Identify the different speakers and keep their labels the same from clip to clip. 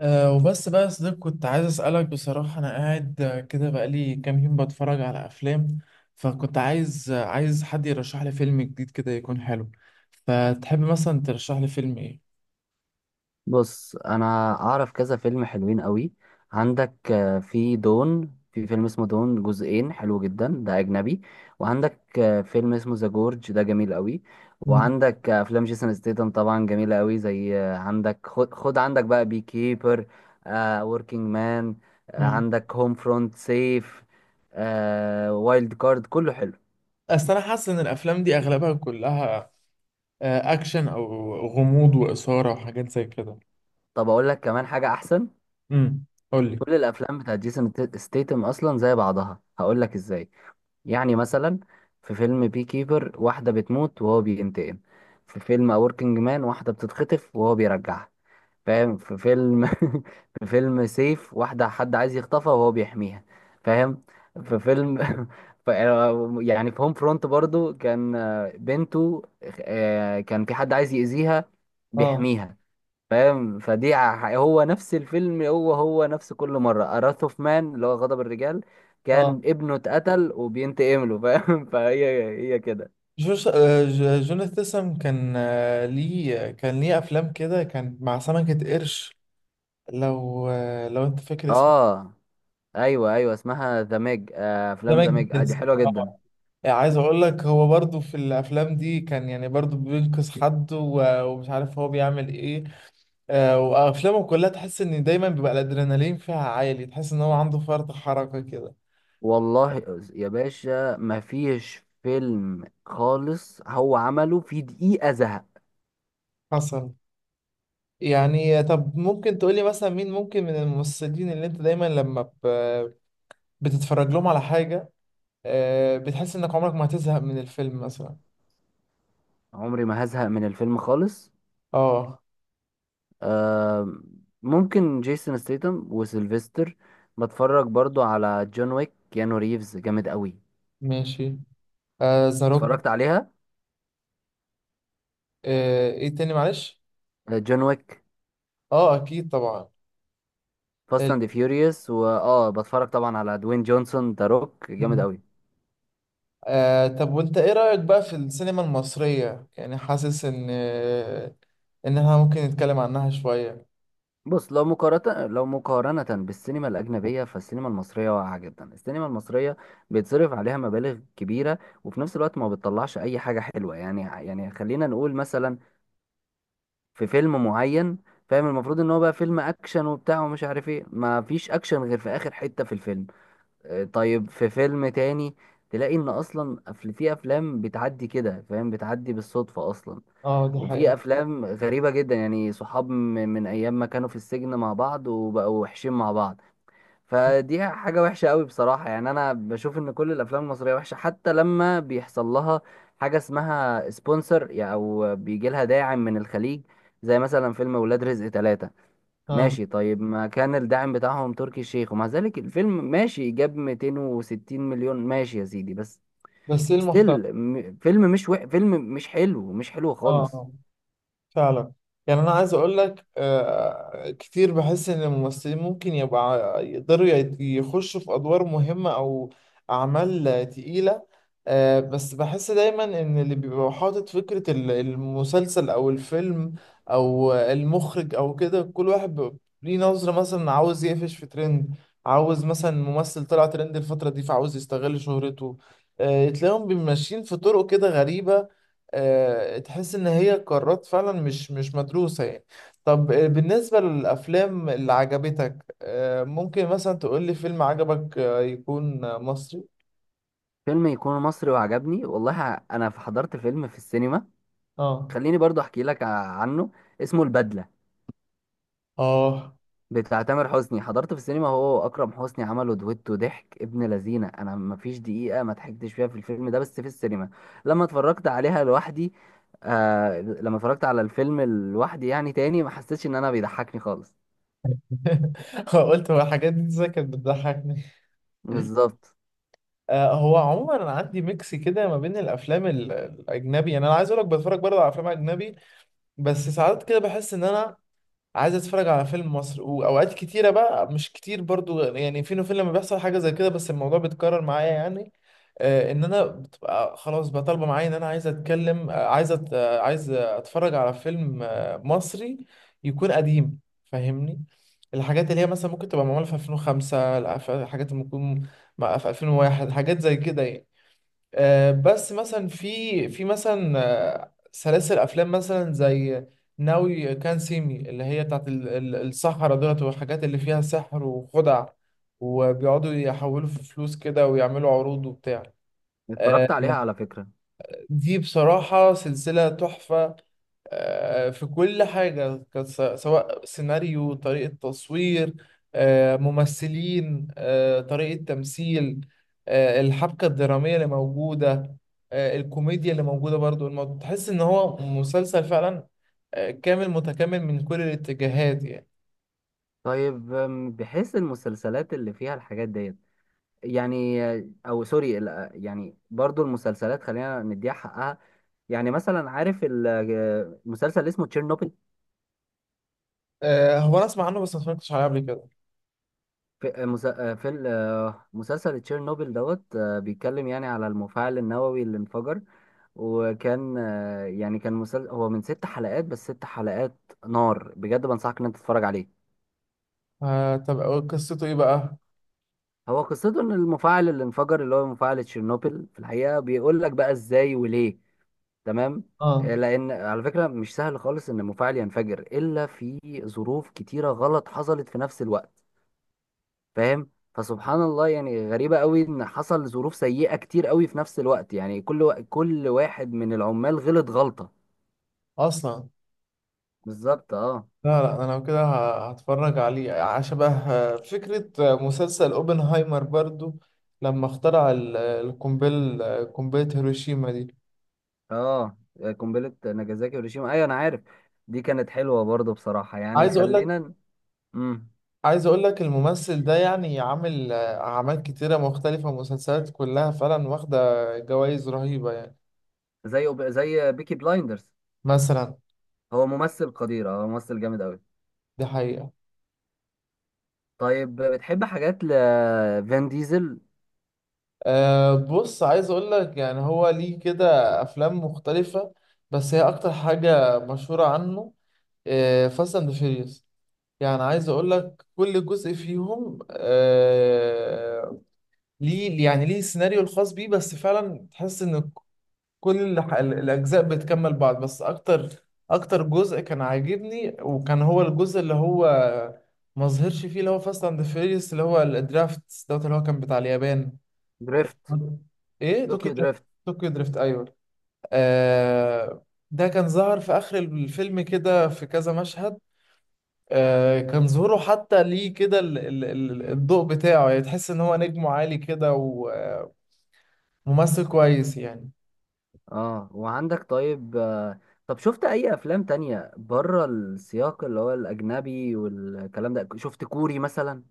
Speaker 1: وبس بقى يا صديق، كنت عايز أسألك بصراحة. أنا قاعد كده بقالي كام يوم بتفرج على أفلام. فكنت عايز حد يرشح لي فيلم جديد كده يكون حلو. فتحب مثلا ترشح لي فيلم إيه؟
Speaker 2: بص انا اعرف كذا فيلم حلوين قوي. عندك في فيلم اسمه دون جزئين حلو جدا ده اجنبي. وعندك فيلم اسمه ذا جورج ده جميل قوي.
Speaker 1: مم.
Speaker 2: وعندك افلام جيسون ستيتم طبعا جميله قوي، زي عندك خد, خد عندك بقى بي كيبر، وركينج مان،
Speaker 1: مم.
Speaker 2: عندك هوم فرونت، سيف، وايلد كارد، كله حلو.
Speaker 1: أصل أنا حاسس إن الأفلام دي أغلبها كلها أكشن أو غموض وإثارة وحاجات زي كده.
Speaker 2: طب اقول لك كمان حاجه احسن.
Speaker 1: امم قولي.
Speaker 2: كل الافلام بتاعت جيسون ستيتم اصلا زي بعضها، هقول لك ازاي. يعني مثلا في فيلم بي كيبر واحدة بتموت وهو بينتقم. في فيلم A Working Man واحدة بتتخطف وهو بيرجعها. فاهم. في فيلم في فيلم سيف واحدة حد عايز يخطفها وهو بيحميها. فاهم. في فيلم ف- يعني في هوم فرونت برضو كان بنته، كان في حد عايز يأذيها،
Speaker 1: اه،
Speaker 2: بيحميها. فاهم. هو نفس الفيلم، هو نفس كل مرة. أراث اوف مان اللي هو غضب الرجال،
Speaker 1: اه.
Speaker 2: كان ابنه اتقتل وبينتقم له. فاهم. فهي هي كده.
Speaker 1: جوش جون استسم كان ليه أفلام كده كان مع سمكة قرش. لو لو انت فاكر اسمه؟
Speaker 2: اه. ايوه، ايوه، اسمها ذا ميج. افلام
Speaker 1: سمك
Speaker 2: ذا ميج دي
Speaker 1: جاز
Speaker 2: حلوة
Speaker 1: طبعا.
Speaker 2: جدا.
Speaker 1: يعني عايز اقول لك هو برضو في الافلام دي كان يعني برضو بينقذ حد و- ومش عارف هو بيعمل ايه. وافلامه كلها تحس ان دايما بيبقى الادرينالين فيها عالي، تحس ان هو عنده فرط حركة كده.
Speaker 2: والله يا باشا ما فيش فيلم خالص هو عمله في دقيقة زهق.
Speaker 1: حصل. يعني طب ممكن تقولي مثلا مين ممكن من الممثلين اللي انت دايما لما بتتفرج لهم على حاجة بتحس انك عمرك ما هتزهق من الفيلم مثلا؟
Speaker 2: عمري ما هزهق من الفيلم خالص.
Speaker 1: اه.
Speaker 2: آه. ممكن جيسون ستيتم وسيلفستر. بتفرج برضو على جون ويك، كيانو ريفز جامد قوي.
Speaker 1: ماشي. ذا روك.
Speaker 2: اتفرجت عليها.
Speaker 1: ايه تاني، معلش؟
Speaker 2: آه، جون ويك.
Speaker 1: اه، اكيد طبعا.
Speaker 2: فاست
Speaker 1: ال...
Speaker 2: اند فيوريوس. بتفرج طبعا على دوين جونسون، ذا روك جامد
Speaker 1: مم.
Speaker 2: قوي.
Speaker 1: آه، طب وانت ايه رأيك بقى في السينما المصرية؟ يعني حاسس ان احنا ممكن نتكلم عنها شوية.
Speaker 2: بص لو مقارنة، بالسينما الأجنبية، فالسينما المصرية واقعة جدا. السينما المصرية بيتصرف عليها مبالغ كبيرة، وفي نفس الوقت ما بتطلعش أي حاجة حلوة. يعني يعني خلينا نقول مثلا في فيلم معين، فاهم، المفروض ان هو بقى فيلم اكشن وبتاع ومش عارف ايه، ما فيش اكشن غير في اخر حتة في الفيلم. طيب في فيلم تاني تلاقي ان اصلا في افلام بتعدي كده، فاهم، بتعدي بالصدفة اصلا.
Speaker 1: اه، دي
Speaker 2: وفي
Speaker 1: حقيقة.
Speaker 2: افلام غريبة جدا، يعني صحاب من ايام ما كانوا في السجن مع بعض وبقوا وحشين مع بعض. فدي حاجة وحشة قوي بصراحة. يعني أنا بشوف إن كل الأفلام المصرية وحشة، حتى لما بيحصل لها حاجة اسمها سبونسر، يعني أو بيجي لها داعم من الخليج، زي مثلا فيلم ولاد رزق 3.
Speaker 1: اه،
Speaker 2: ماشي، طيب ما كان الداعم بتاعهم تركي الشيخ، ومع ذلك الفيلم ماشي، جاب 260 مليون، ماشي يا سيدي. بس
Speaker 1: بس ايه المحتوى؟
Speaker 2: ستيل فيلم مش حلو، مش حلو خالص.
Speaker 1: اه، فعلا. يعني انا عايز اقول لك كتير بحس ان الممثلين ممكن يبقى يقدروا يخشوا في ادوار مهمة او اعمال تقيلة. بس بحس دايما ان اللي بيبقى حاطط فكرة المسلسل او الفيلم او المخرج او كده، كل واحد بيبقى ليه نظرة، مثلا عاوز يقفش في ترند، عاوز مثلا ممثل طلع ترند الفترة دي فعاوز يستغل شهرته. تلاقيهم ماشيين في طرق كده غريبة. تحس ان هي قرارات فعلا مش مدروسة يعني. طب بالنسبة للافلام اللي عجبتك، ممكن مثلا تقول لي فيلم عجبك يكون مصري؟
Speaker 2: فيلم يكون مصري وعجبني، والله أنا حضرت فيلم في السينما.
Speaker 1: اه.
Speaker 2: خليني برضو أحكي لك عنه. اسمه البدلة
Speaker 1: اه.
Speaker 2: بتاع تامر حسني، حضرت في السينما. هو واكرم حسني عملوا دويتو ضحك ابن لذينه. انا ما فيش دقيقه ما ضحكتش فيها في الفيلم ده، بس في السينما لما اتفرجت عليها لوحدي. آه، لما اتفرجت على الفيلم لوحدي يعني تاني ما حسيتش ان انا بيضحكني خالص.
Speaker 1: قلت هو الحاجات دي ازاي كانت بتضحكني.
Speaker 2: بالظبط.
Speaker 1: هو عموما انا عندي ميكس كده ما بين الافلام الاجنبي، يعني انا عايز اقول لك بتفرج برضه على افلام اجنبي. بس ساعات كده بحس ان انا عايز اتفرج على فيلم مصري. واوقات كتيره بقى، مش كتير برضو يعني، فين وفين لما بيحصل حاجه زي كده، بس الموضوع بيتكرر معايا يعني. ان انا بتبقى خلاص بقى طالبه معايا ان انا عايز اتكلم آه، عايز أت... آه، عايز اتفرج على فيلم مصري يكون قديم، فاهمني؟ الحاجات اللي هي مثلا ممكن تبقى معموله في 2005، لا، في الحاجات اللي ممكن في 2001، حاجات زي كده يعني. بس مثلا في مثلا سلاسل افلام مثلا زي ناوي كان سيمي، اللي هي بتاعت السحرة دولت والحاجات اللي فيها سحر وخدع، وبيقعدوا يحولوا في فلوس كده ويعملوا عروض وبتاع.
Speaker 2: اتفرجت
Speaker 1: آه،
Speaker 2: عليها على فكره.
Speaker 1: دي بصراحة سلسلة تحفة. في كل حاجة كانت سواء سيناريو، طريقة تصوير، ممثلين، طريقة تمثيل، الحبكة الدرامية اللي موجودة، الكوميديا اللي موجودة برضو. الموضوع تحس إن هو مسلسل فعلا كامل متكامل من كل الاتجاهات يعني.
Speaker 2: طيب، بحيث المسلسلات اللي فيها الحاجات ديت، يعني او سوري، يعني برضو المسلسلات خلينا نديها حقها. يعني مثلا عارف مسلسل اسمه تشيرنوبل.
Speaker 1: هو أنا أسمع عنه بس ما اتفرجتش عليه قبل كده.
Speaker 2: في في مسلسل تشيرنوبل دوت، بيتكلم يعني على المفاعل النووي اللي انفجر. وكان يعني كان مسلسل هو من 6 حلقات، بس 6 حلقات نار بجد. بنصحك ان انت تتفرج عليه.
Speaker 1: طب قصته إيه بقى؟
Speaker 2: هو قصته ان المفاعل اللي انفجر اللي هو مفاعل تشيرنوبل في الحقيقة، بيقول لك بقى ازاي وليه. تمام.
Speaker 1: اه.
Speaker 2: لان على فكرة مش سهل خالص ان المفاعل ينفجر، الا في ظروف كتيرة غلط حصلت في نفس الوقت. فاهم. فسبحان الله، يعني غريبة قوي ان حصل ظروف سيئة كتير قوي في نفس الوقت. يعني كل كل واحد من العمال غلط غلطة.
Speaker 1: أصلا.
Speaker 2: بالظبط. اه.
Speaker 1: لا، لا، انا لو كده هتفرج عليه. شبه فكرة مسلسل اوبنهايمر برضو لما اخترع ال- القنبل آه، قنبلة هيروشيما دي.
Speaker 2: اه، قنبلة ناجازاكي وهيروشيما، ايوه انا عارف. دي كانت حلوة برضه بصراحة. يعني
Speaker 1: عايز اقول لك
Speaker 2: خلينا. امم
Speaker 1: عايز اقول لك الممثل ده يعني عامل اعمال كتيرة مختلفة، مسلسلات كلها فعلا واخدة جوائز رهيبة يعني.
Speaker 2: زي زي بيكي بلايندرز.
Speaker 1: مثلا.
Speaker 2: هو ممثل قدير. هو ممثل جامد قوي.
Speaker 1: دي حقيقة.
Speaker 2: طيب بتحب حاجات لفان ديزل.
Speaker 1: أه بص، عايز اقول لك يعني هو ليه كده افلام مختلفة، بس هي اكتر حاجة مشهورة عنه فاست اند فيريوس. يعني عايز اقول لك كل جزء فيهم ليه، يعني ليه السيناريو الخاص بيه، بس فعلا تحس ان كل الاجزاء بتكمل بعض. بس اكتر جزء كان عاجبني وكان هو الجزء اللي هو ما ظهرش فيه، اللي هو فاست اند فيريوس، اللي هو الدرافت دوت، اللي هو كان بتاع اليابان.
Speaker 2: دريفت.
Speaker 1: ايه، طوكيو
Speaker 2: طوكيو
Speaker 1: دريفت.
Speaker 2: دريفت.
Speaker 1: طوكيو دريفت، ايوه. آه ده كان ظهر في اخر الفيلم كده في كذا مشهد. كان ظهوره حتى ليه كده الضوء بتاعه، يعني تحس ان هو نجم عالي كده وممثل كويس يعني.
Speaker 2: اه. وعندك طيب، طب شفت اي افلام تانية بره السياق اللي هو الاجنبي والكلام ده؟ شفت كوري مثلا؟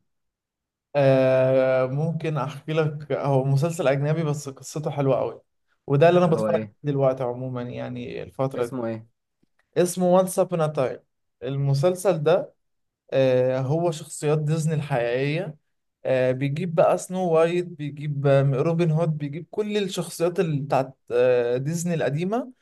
Speaker 1: ممكن احكي لك، هو مسلسل اجنبي بس قصته حلوة قوي، وده اللي انا
Speaker 2: اللي هو
Speaker 1: بتفرج عليه
Speaker 2: ايه؟
Speaker 1: دلوقتي عموما يعني الفترة دي.
Speaker 2: اسمه ايه؟
Speaker 1: اسمه Once Upon a Time، المسلسل ده. هو شخصيات ديزني الحقيقية. بيجيب بقى سنو وايت، بيجيب روبن هود، بيجيب كل الشخصيات اللي بتاعت ديزني القديمة.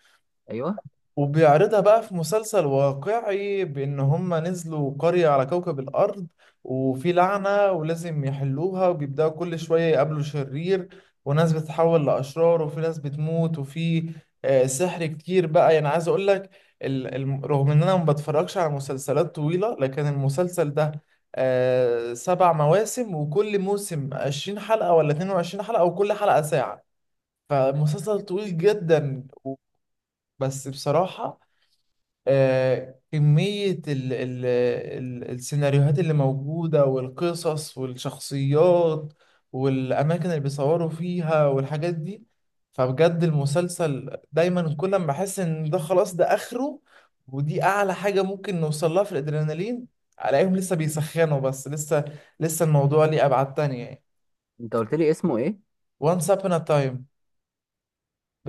Speaker 2: ايوه
Speaker 1: وبيعرضها بقى في مسلسل واقعي بإن هم نزلوا قرية على كوكب الأرض، وفي لعنة ولازم يحلوها، وبيبدأوا كل شوية يقابلوا شرير، وناس بتتحول لأشرار، وفي ناس بتموت، وفي سحر كتير بقى يعني. عايز أقول لك رغم إن أنا ما بتفرجش على مسلسلات طويلة، لكن المسلسل ده سبع مواسم، وكل موسم 20 حلقة ولا 22 حلقة، وكل حلقة ساعة، فمسلسل طويل جدا. بس بصراحة كمية ال ال ال السيناريوهات اللي موجودة والقصص والشخصيات والأماكن اللي بيصوروا فيها والحاجات دي، فبجد المسلسل دايما كل ما بحس إن ده خلاص ده آخره ودي أعلى حاجة ممكن نوصل لها في الأدرينالين، ألاقيهم لسه بيسخنوا بس. لسه الموضوع ليه أبعاد تانية يعني.
Speaker 2: انت قلت لي اسمه ايه.
Speaker 1: Once Upon a Time،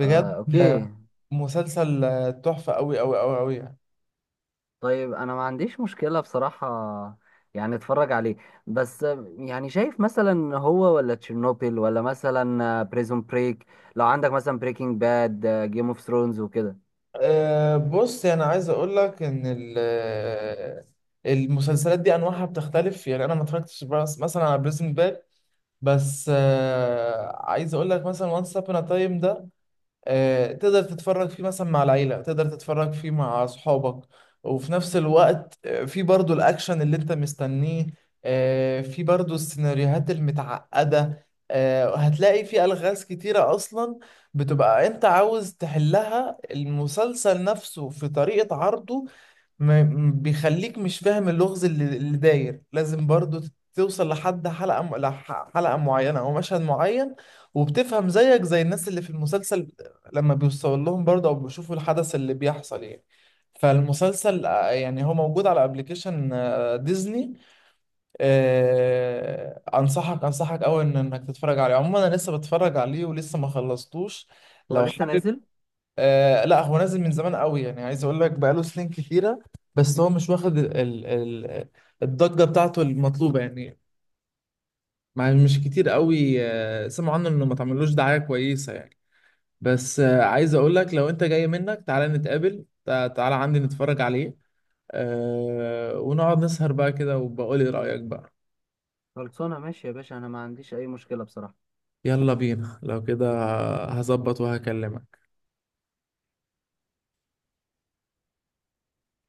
Speaker 2: آه، اوكي.
Speaker 1: آه، مسلسل تحفة أوي أوي أوي أوي يعني.
Speaker 2: طيب انا ما عنديش مشكلة بصراحة، يعني اتفرج عليه. بس يعني شايف مثلا هو ولا تشيرنوبل ولا مثلا بريزون بريك؟ لو عندك مثلا بريكنج باد، جيم اوف ثرونز وكده.
Speaker 1: أه بص، يعني عايز اقول لك ان المسلسلات دي انواعها بتختلف، يعني انا ما اتفرجتش مثلا على بريزن باك. بس عايز اقول لك مثلا وانس ابون تايم ده تقدر تتفرج فيه مثلا مع العيلة، تقدر تتفرج فيه مع أصحابك، وفي نفس الوقت في برضو الأكشن اللي أنت مستنيه. في برضو السيناريوهات المتعقدة. هتلاقي في ألغاز كتيرة أصلا بتبقى أنت عاوز تحلها. المسلسل نفسه في طريقة عرضه ما بيخليك مش فاهم اللغز اللي داير. لازم برضو توصل لحد حلقة معينة أو مشهد معين، وبتفهم زيك زي الناس اللي في المسلسل لما بيوصل لهم برضه أو بيشوفوا الحدث اللي بيحصل يعني. فالمسلسل يعني هو موجود على ابلكيشن ديزني. أنصحك أنصحك أوي إنك تتفرج عليه. عموما أنا لسه بتفرج عليه ولسه ما خلصتوش
Speaker 2: هو
Speaker 1: لو
Speaker 2: لسه
Speaker 1: حابب.
Speaker 2: نازل؟
Speaker 1: لا، هو نازل من زمان قوي، يعني عايز اقول لك بقاله سنين كتيره، بس هو مش واخد ال ال ال الضجه بتاعته المطلوبه يعني. مع مش كتير قوي سمعوا عنه، انه ما تعملوش دعايه كويسه يعني. بس عايز اقول لك لو انت جاي، منك تعالى نتقابل، تعالى عندي نتفرج عليه ونقعد نسهر بقى كده، وبقول لي رايك بقى.
Speaker 2: خلصانه ماشي يا باشا، انا ما عنديش اي مشكلة بصراحة.
Speaker 1: يلا بينا لو كده، هظبط وهكلمك.